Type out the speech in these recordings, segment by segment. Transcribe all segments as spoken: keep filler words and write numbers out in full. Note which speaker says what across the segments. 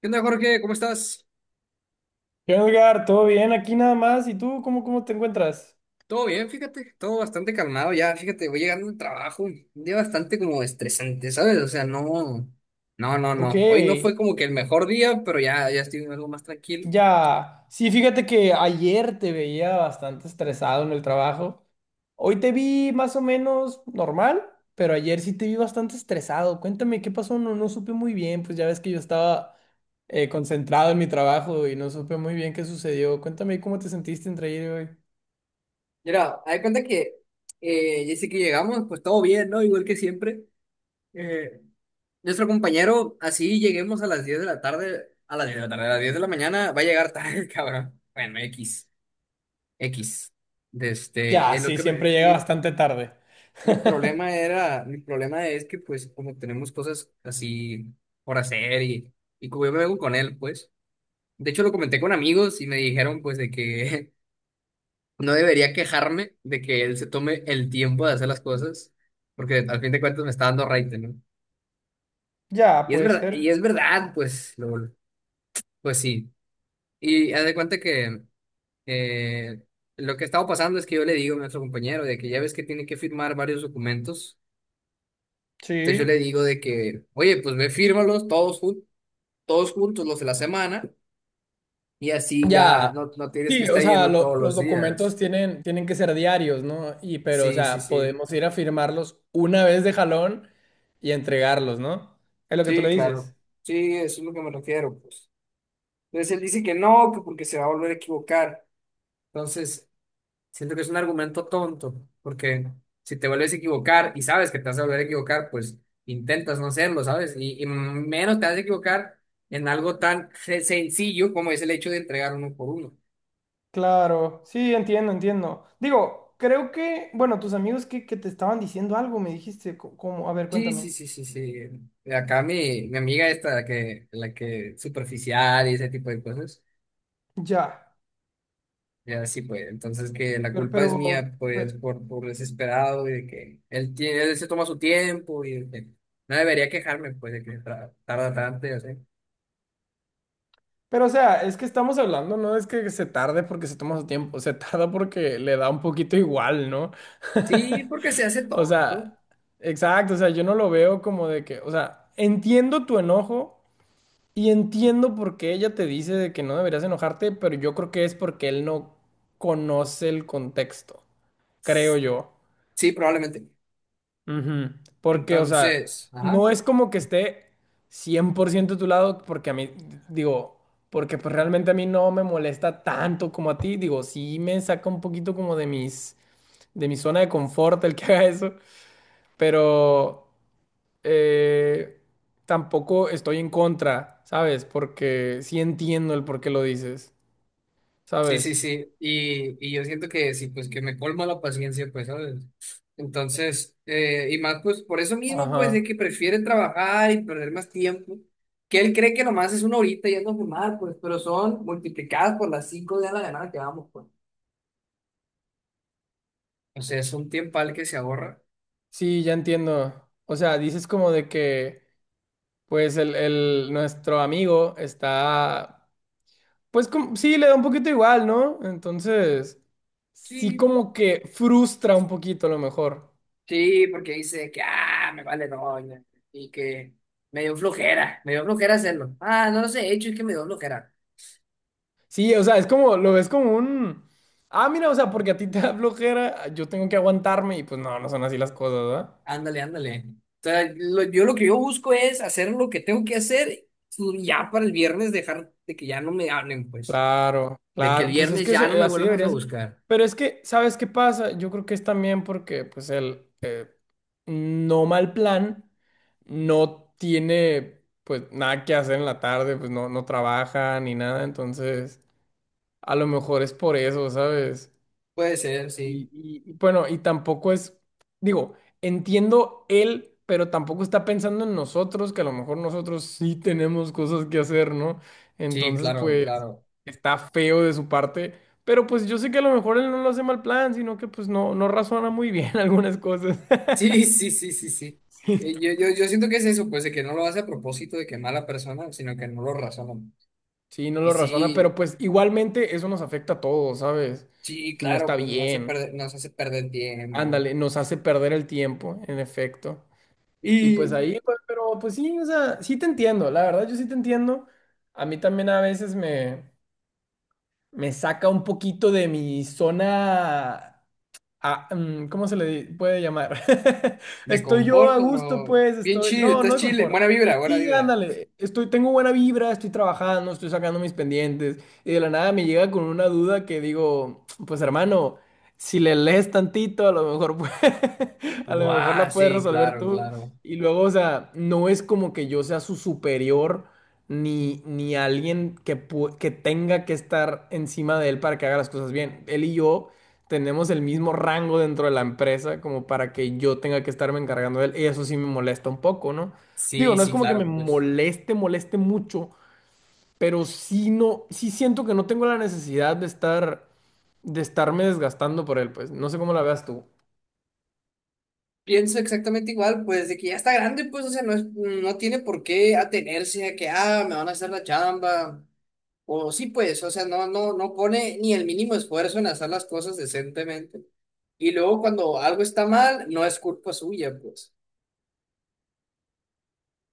Speaker 1: ¿Qué onda, Jorge? ¿Cómo estás?
Speaker 2: ¿Qué onda, Edgar? ¿Todo bien? Aquí nada más. ¿Y tú cómo, cómo te encuentras?
Speaker 1: Todo bien, fíjate, todo bastante calmado ya, fíjate, voy llegando al trabajo, un día bastante como estresante, ¿sabes? O sea, no, no, no,
Speaker 2: Ok,
Speaker 1: no, hoy no fue como que el mejor día, pero ya, ya estoy algo más tranquilo.
Speaker 2: ya. Sí, fíjate que ayer te veía bastante estresado en el trabajo. Hoy te vi más o menos normal, pero ayer sí te vi bastante estresado. Cuéntame, ¿qué pasó? No, no supe muy bien, pues ya ves que yo estaba eh, concentrado en mi trabajo y no supe muy bien qué sucedió. Cuéntame cómo te sentiste entre ayer y hoy.
Speaker 1: Mira, hay cuenta que eh, ya sé que llegamos, pues todo bien, ¿no? Igual que siempre. Eh, Nuestro compañero, así lleguemos a las diez de la tarde, a las diez de la tarde, a las diez de la mañana, va a llegar tarde, cabrón. Bueno, X, X. de Este,
Speaker 2: Ya,
Speaker 1: en lo
Speaker 2: sí,
Speaker 1: que
Speaker 2: siempre
Speaker 1: me,
Speaker 2: llega
Speaker 1: mi,
Speaker 2: bastante tarde.
Speaker 1: Mi problema era, mi problema es que pues como tenemos cosas así por hacer y, y como yo me vengo con él, pues. De hecho lo comenté con amigos y me dijeron pues de que no debería quejarme de que él se tome el tiempo de hacer las cosas, porque al fin de cuentas me está dando raite, ¿no?
Speaker 2: Ya,
Speaker 1: Y es
Speaker 2: puede
Speaker 1: verdad, y
Speaker 2: ser.
Speaker 1: es verdad, pues, lo, pues sí. Y haz de cuenta que eh, lo que estaba pasando es que yo le digo a nuestro compañero de que ya ves que tiene que firmar varios documentos. Entonces yo le
Speaker 2: Sí.
Speaker 1: digo de que, oye, pues ve, fírmalos todos, jun- todos juntos los de la semana y así ya
Speaker 2: Ya.
Speaker 1: no, no tienes que
Speaker 2: Sí, o
Speaker 1: estar
Speaker 2: sea,
Speaker 1: yendo
Speaker 2: lo-
Speaker 1: todos
Speaker 2: los
Speaker 1: los días.
Speaker 2: documentos tienen, tienen que ser diarios, ¿no? Y pero, o
Speaker 1: Sí, sí,
Speaker 2: sea,
Speaker 1: sí.
Speaker 2: podemos ir a firmarlos una vez de jalón y entregarlos, ¿no? Es lo que tú
Speaker 1: Sí,
Speaker 2: le
Speaker 1: claro.
Speaker 2: dices.
Speaker 1: Sí, eso es lo que me refiero, pues. Entonces él dice que no, que porque se va a volver a equivocar. Entonces, siento que es un argumento tonto, porque si te vuelves a equivocar y sabes que te vas a volver a equivocar, pues intentas no hacerlo, ¿sabes? Y, y menos te vas a equivocar en algo tan se- sencillo como es el hecho de entregar uno por uno.
Speaker 2: Claro, sí, entiendo, entiendo. Digo, creo que, bueno, tus amigos que, que te estaban diciendo algo, me dijiste, co- como, a ver,
Speaker 1: Sí,
Speaker 2: cuéntame.
Speaker 1: sí, sí, sí, sí. De acá mi, mi amiga esta, la que, la que superficial y ese tipo de cosas.
Speaker 2: Ya,
Speaker 1: Ya sí, pues. Entonces que la
Speaker 2: pero,
Speaker 1: culpa
Speaker 2: pero,
Speaker 1: es mía,
Speaker 2: Pe-
Speaker 1: pues, por, por desesperado y de que él tiene, él se toma su tiempo y de que no debería quejarme, pues, de que tra- tarda tanto y así.
Speaker 2: Pero, o sea, es que estamos hablando, no es que se tarde porque se toma su tiempo, se tarda porque le da un poquito igual, ¿no?
Speaker 1: Sí, porque se hace
Speaker 2: O
Speaker 1: tonto.
Speaker 2: sea, exacto, o sea, yo no lo veo como de que, o sea, entiendo tu enojo y entiendo por qué ella te dice de que no deberías enojarte, pero yo creo que es porque él no conoce el contexto, creo yo.
Speaker 1: Sí, probablemente.
Speaker 2: Ujú. Porque, o sea,
Speaker 1: Entonces, ajá.
Speaker 2: no es como que esté cien por ciento a tu lado, porque a mí, digo, porque pues realmente a mí no me molesta tanto como a ti, digo, sí me saca un poquito como de mis, de mi zona de confort el que haga eso, pero... eh, tampoco estoy en contra, ¿sabes? Porque sí entiendo el por qué lo dices,
Speaker 1: Sí, sí,
Speaker 2: ¿sabes?
Speaker 1: sí. Y, y yo siento que sí, pues que me colma la paciencia, pues, ¿sabes? Entonces, eh, y más, pues, por eso mismo, pues, de
Speaker 2: Ajá.
Speaker 1: que prefiere trabajar y perder más tiempo, que él cree que nomás es una horita yendo a fumar, pues, pero son multiplicadas por las cinco de la ganada que vamos, pues. O sea, es un tiempal que se ahorra.
Speaker 2: Sí, ya entiendo. O sea, dices como de que, pues, el, el- nuestro amigo está, pues, como, sí, le da un poquito igual, ¿no? Entonces, sí
Speaker 1: Sí.
Speaker 2: como que frustra un poquito a lo mejor.
Speaker 1: Sí, porque dice que, ah, me vale doña, y que me dio flojera, me dio flojera hacerlo. Ah, no lo sé, hecho, es que me dio flojera.
Speaker 2: Sí, o sea, es como, lo ves como un... Ah, mira, o sea, porque a ti te da flojera, yo tengo que aguantarme y pues no, no son así las cosas, ¿verdad?
Speaker 1: Ándale, ándale. O sea, lo- yo lo que yo busco es hacer lo que tengo que hacer y ya para el viernes dejar de que ya no me hablen, pues.
Speaker 2: Claro,
Speaker 1: De que el
Speaker 2: claro, pues es
Speaker 1: viernes
Speaker 2: que
Speaker 1: ya no
Speaker 2: se-
Speaker 1: me
Speaker 2: así
Speaker 1: vuelvas
Speaker 2: debería
Speaker 1: a
Speaker 2: ser.
Speaker 1: buscar.
Speaker 2: Pero es que, ¿sabes qué pasa? Yo creo que es también porque, pues, el eh, no mal plan no tiene, pues, nada que hacer en la tarde, pues, no, no trabaja ni nada, entonces, a lo mejor es por eso, ¿sabes?
Speaker 1: Puede ser, sí.
Speaker 2: Y, y- y bueno, y tampoco es, digo, entiendo él, pero tampoco está pensando en nosotros, que a lo mejor nosotros sí tenemos cosas que hacer, ¿no?
Speaker 1: Sí,
Speaker 2: Entonces,
Speaker 1: claro,
Speaker 2: pues,
Speaker 1: claro.
Speaker 2: está feo de su parte, pero pues yo sé que a lo mejor él no lo hace mal plan, sino que pues no, no razona muy bien algunas cosas.
Speaker 1: Sí, sí, sí, sí, sí.
Speaker 2: Sí.
Speaker 1: Eh, Yo, yo, yo siento que es eso, pues, de que no lo hace a propósito de que mala persona, sino que no lo razona.
Speaker 2: Sí, no
Speaker 1: Y
Speaker 2: lo razona, pero
Speaker 1: sí,
Speaker 2: pues igualmente eso nos afecta a todos, ¿sabes?
Speaker 1: sí,
Speaker 2: Y no está
Speaker 1: claro, pues nos hace
Speaker 2: bien.
Speaker 1: perder, nos hace perder tiempo.
Speaker 2: Ándale, nos hace perder el tiempo, en efecto. Y pues
Speaker 1: Y
Speaker 2: ahí, pues, pero pues sí, o sea, sí te entiendo, la verdad yo sí te entiendo. A mí también a veces me, me saca un poquito de mi zona. Ah, mm, ¿cómo se le di- puede llamar?
Speaker 1: de
Speaker 2: Estoy yo a
Speaker 1: conforto,
Speaker 2: gusto,
Speaker 1: no.
Speaker 2: pues,
Speaker 1: Bien
Speaker 2: estoy.
Speaker 1: chido,
Speaker 2: No, no
Speaker 1: estás
Speaker 2: de
Speaker 1: chile.
Speaker 2: confort.
Speaker 1: Buena vibra, buena
Speaker 2: Sí,
Speaker 1: vibra.
Speaker 2: ándale, estoy, tengo buena vibra, estoy trabajando, estoy sacando mis pendientes, y de la nada me llega con una duda que digo, pues hermano, si le lees tantito, a lo mejor pue- a lo mejor
Speaker 1: Buah,
Speaker 2: la puedes
Speaker 1: sí,
Speaker 2: resolver
Speaker 1: claro,
Speaker 2: tú.
Speaker 1: claro.
Speaker 2: Y luego, o sea, no es como que yo sea su superior, ni, ni alguien que, pu- que tenga que estar encima de él para que haga las cosas bien. Él y yo tenemos el mismo rango dentro de la empresa como para que yo tenga que estarme encargando de él. Y eso sí me molesta un poco, ¿no? Digo,
Speaker 1: Sí,
Speaker 2: no es
Speaker 1: sí,
Speaker 2: como que me
Speaker 1: claro, pues.
Speaker 2: moleste, moleste mucho, pero sí no, sí siento que no tengo la necesidad de estar, de estarme desgastando por él, pues. No sé cómo la veas tú.
Speaker 1: Pienso exactamente igual, pues, de que ya está grande, pues, o sea, no es- no tiene por qué atenerse a que, ah, me van a hacer la chamba. O sí, pues, o sea, no, no, no pone ni el mínimo esfuerzo en hacer las cosas decentemente. Y luego cuando algo está mal, no es culpa suya, pues.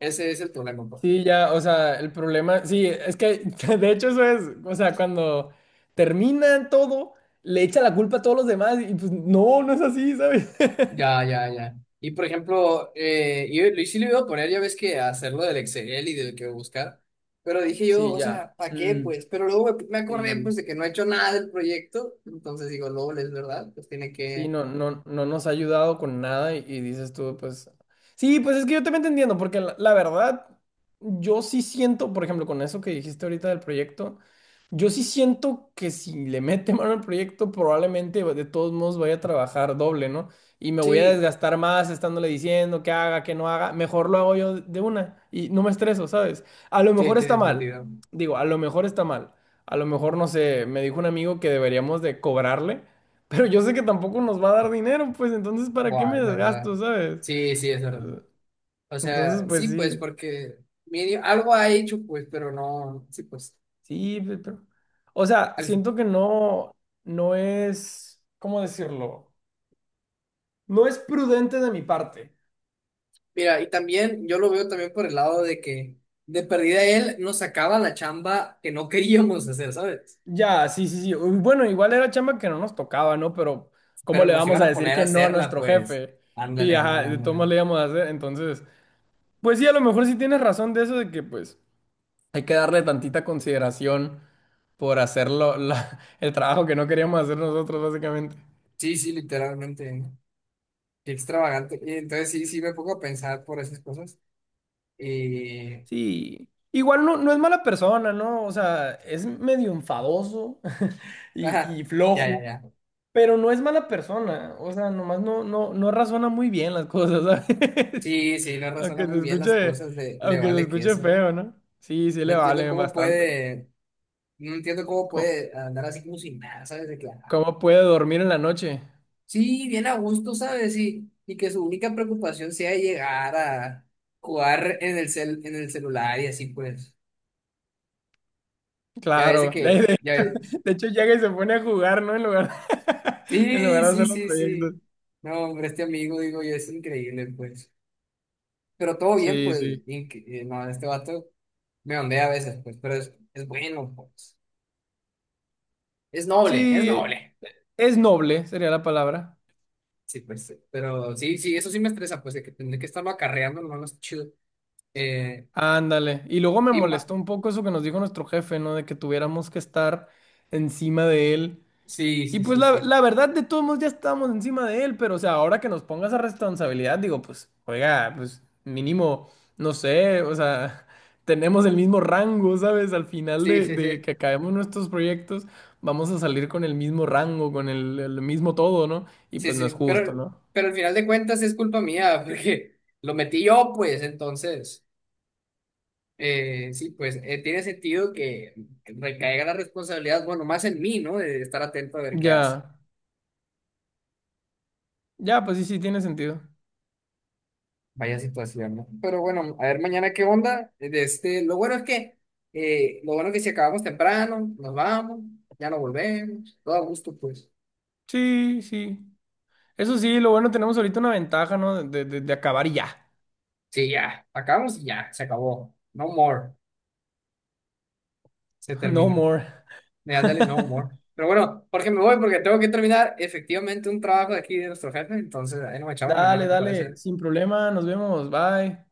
Speaker 1: Ese es el problema, pues.
Speaker 2: Sí, ya, o sea, el problema, sí, es que de hecho eso es, o sea, cuando termina todo, le echa la culpa a todos los demás y pues no, no es así, ¿sabes?
Speaker 1: Ya, ya, ya. Y por ejemplo, eh, yo, yo sí lo iba a poner, ya ves que hacerlo del Excel y del que buscar, pero dije yo,
Speaker 2: Sí,
Speaker 1: o
Speaker 2: ya.
Speaker 1: sea, ¿para qué?
Speaker 2: Mm,
Speaker 1: Pues, pero luego me, me acordé
Speaker 2: sí.
Speaker 1: pues de que no he hecho nada del proyecto, entonces digo, LOL, es verdad, pues tiene
Speaker 2: Sí,
Speaker 1: que.
Speaker 2: no, no, no nos ha ayudado con nada y, y dices tú, pues... Sí, pues es que yo también te entiendo, porque la, la verdad, yo sí siento, por ejemplo, con eso que dijiste ahorita del proyecto, yo sí siento que si le mete mano al proyecto, probablemente de todos modos voy a trabajar doble, ¿no? Y me voy a
Speaker 1: Sí,
Speaker 2: desgastar más estándole diciendo que haga, que no haga, mejor lo hago yo de una y no me estreso, ¿sabes? A lo
Speaker 1: sí,
Speaker 2: mejor está
Speaker 1: tiene
Speaker 2: mal,
Speaker 1: sentido.
Speaker 2: digo, a lo mejor está mal, a lo mejor, no sé, me dijo un amigo que deberíamos de cobrarle. Pero yo sé que tampoco nos va a dar dinero, pues entonces, ¿para qué
Speaker 1: Buah,
Speaker 2: me
Speaker 1: es verdad.
Speaker 2: desgasto, sabes?
Speaker 1: Sí, sí, es verdad. O
Speaker 2: Entonces,
Speaker 1: sea,
Speaker 2: pues
Speaker 1: sí, pues
Speaker 2: sí,
Speaker 1: porque medio, algo ha hecho, pues, pero no, sí, pues.
Speaker 2: sí, pe- pero... O sea, siento que no, no es, ¿cómo decirlo? No es prudente de mi parte.
Speaker 1: Mira, y también yo lo veo también por el lado de que de perdida él nos sacaba la chamba que no queríamos hacer, ¿sabes?
Speaker 2: Ya, sí, sí, sí. Uy, bueno, igual era chamba que no nos tocaba, ¿no? Pero,
Speaker 1: Pero
Speaker 2: ¿cómo le
Speaker 1: nos
Speaker 2: vamos
Speaker 1: iban
Speaker 2: a
Speaker 1: a
Speaker 2: decir
Speaker 1: poner a
Speaker 2: que no a
Speaker 1: hacerla,
Speaker 2: nuestro
Speaker 1: pues.
Speaker 2: jefe? Sí,
Speaker 1: Ándale,
Speaker 2: ajá,
Speaker 1: ándale,
Speaker 2: de todos
Speaker 1: ándale.
Speaker 2: modos le íbamos a hacer. Entonces, pues sí, a lo mejor sí tienes razón de eso de que, pues, hay que darle tantita consideración por hacer lo- la- el trabajo que no queríamos hacer nosotros, básicamente.
Speaker 1: Sí, sí, literalmente. Qué extravagante. Y entonces sí, sí me pongo a pensar por esas cosas. Y...
Speaker 2: Sí, igual no, no es mala persona, ¿no? O sea, es medio enfadoso y,
Speaker 1: Ajá,
Speaker 2: y
Speaker 1: ya, ya,
Speaker 2: flojo,
Speaker 1: ya.
Speaker 2: pero no es mala persona. O sea, nomás no, no, no razona muy bien las cosas, ¿sabes?
Speaker 1: Sí, sí, no razona
Speaker 2: Aunque se
Speaker 1: muy bien las
Speaker 2: escuche,
Speaker 1: cosas, le, le
Speaker 2: aunque se
Speaker 1: vale que
Speaker 2: escuche
Speaker 1: eso, ¿no?
Speaker 2: feo, ¿no? Sí, sí
Speaker 1: No
Speaker 2: le
Speaker 1: entiendo
Speaker 2: valen
Speaker 1: cómo
Speaker 2: bastante.
Speaker 1: puede, no entiendo cómo
Speaker 2: ¿Cómo,
Speaker 1: puede andar así como sin nada, ¿sabes? De claro.
Speaker 2: cómo puede dormir en la noche?
Speaker 1: Sí, bien a gusto, ¿sabes? Y, y que su única preocupación sea llegar a jugar en el cel, en el celular y así pues. Ya ves de
Speaker 2: Claro. De,
Speaker 1: que,
Speaker 2: de-
Speaker 1: ya ve-
Speaker 2: de hecho, llega y se pone a jugar, ¿no? En lugar, en
Speaker 1: Sí,
Speaker 2: lugar de
Speaker 1: sí,
Speaker 2: hacer los
Speaker 1: sí,
Speaker 2: proyectos.
Speaker 1: sí. No, hombre, este amigo, digo yo, es increíble, pues. Pero todo bien,
Speaker 2: Sí,
Speaker 1: pues.
Speaker 2: sí.
Speaker 1: inc- eh, No, este vato me ondea a veces, pues, pero es, es bueno, pues. Es noble, es
Speaker 2: Sí,
Speaker 1: noble.
Speaker 2: es noble, sería la palabra.
Speaker 1: Sí, pues. Pero sí, sí, eso sí me estresa, pues, de que tendré que estarlo acarreando, no, no es chido. Eh,
Speaker 2: Ándale. Y luego me
Speaker 1: y más.
Speaker 2: molestó un poco eso que nos dijo nuestro jefe, ¿no? De que tuviéramos que estar encima de él.
Speaker 1: Sí,
Speaker 2: Y
Speaker 1: sí,
Speaker 2: pues
Speaker 1: sí,
Speaker 2: la,
Speaker 1: sí.
Speaker 2: la verdad, de todos modos ya estábamos encima de él, pero o sea, ahora que nos ponga esa responsabilidad, digo, pues, oiga, pues mínimo, no sé, o sea, tenemos el mismo rango, ¿sabes? Al final
Speaker 1: Sí,
Speaker 2: de,
Speaker 1: sí,
Speaker 2: de
Speaker 1: sí.
Speaker 2: que acabemos nuestros proyectos, vamos a salir con el mismo rango, con el el mismo todo, ¿no? Y
Speaker 1: Sí,
Speaker 2: pues no
Speaker 1: sí,
Speaker 2: es justo,
Speaker 1: pero,
Speaker 2: ¿no?
Speaker 1: pero al final de cuentas es culpa mía, porque lo metí yo, pues, entonces, eh, sí, pues, eh, tiene sentido que recaiga la responsabilidad, bueno, más en mí, ¿no? De estar atento a ver qué hace.
Speaker 2: Ya. Ya, pues sí, sí, tiene sentido.
Speaker 1: Vaya situación, ¿no? Pero bueno, a ver mañana qué onda. De Este, lo bueno es que, eh, lo bueno es que si acabamos temprano, nos vamos, ya no volvemos, todo a gusto, pues.
Speaker 2: Sí, sí. Eso sí, lo bueno, tenemos ahorita una ventaja, ¿no? De, de, de acabar y ya.
Speaker 1: Sí, ya, acabamos y ya, se acabó. No more, se
Speaker 2: No
Speaker 1: termina.
Speaker 2: more.
Speaker 1: De Ándale, no humor. Pero bueno, Jorge, me voy porque tengo que terminar efectivamente un trabajo de aquí de nuestro jefe, entonces ahí nos echamos
Speaker 2: Dale,
Speaker 1: mañana, ¿te
Speaker 2: dale,
Speaker 1: parece?
Speaker 2: sin problema, nos vemos, bye.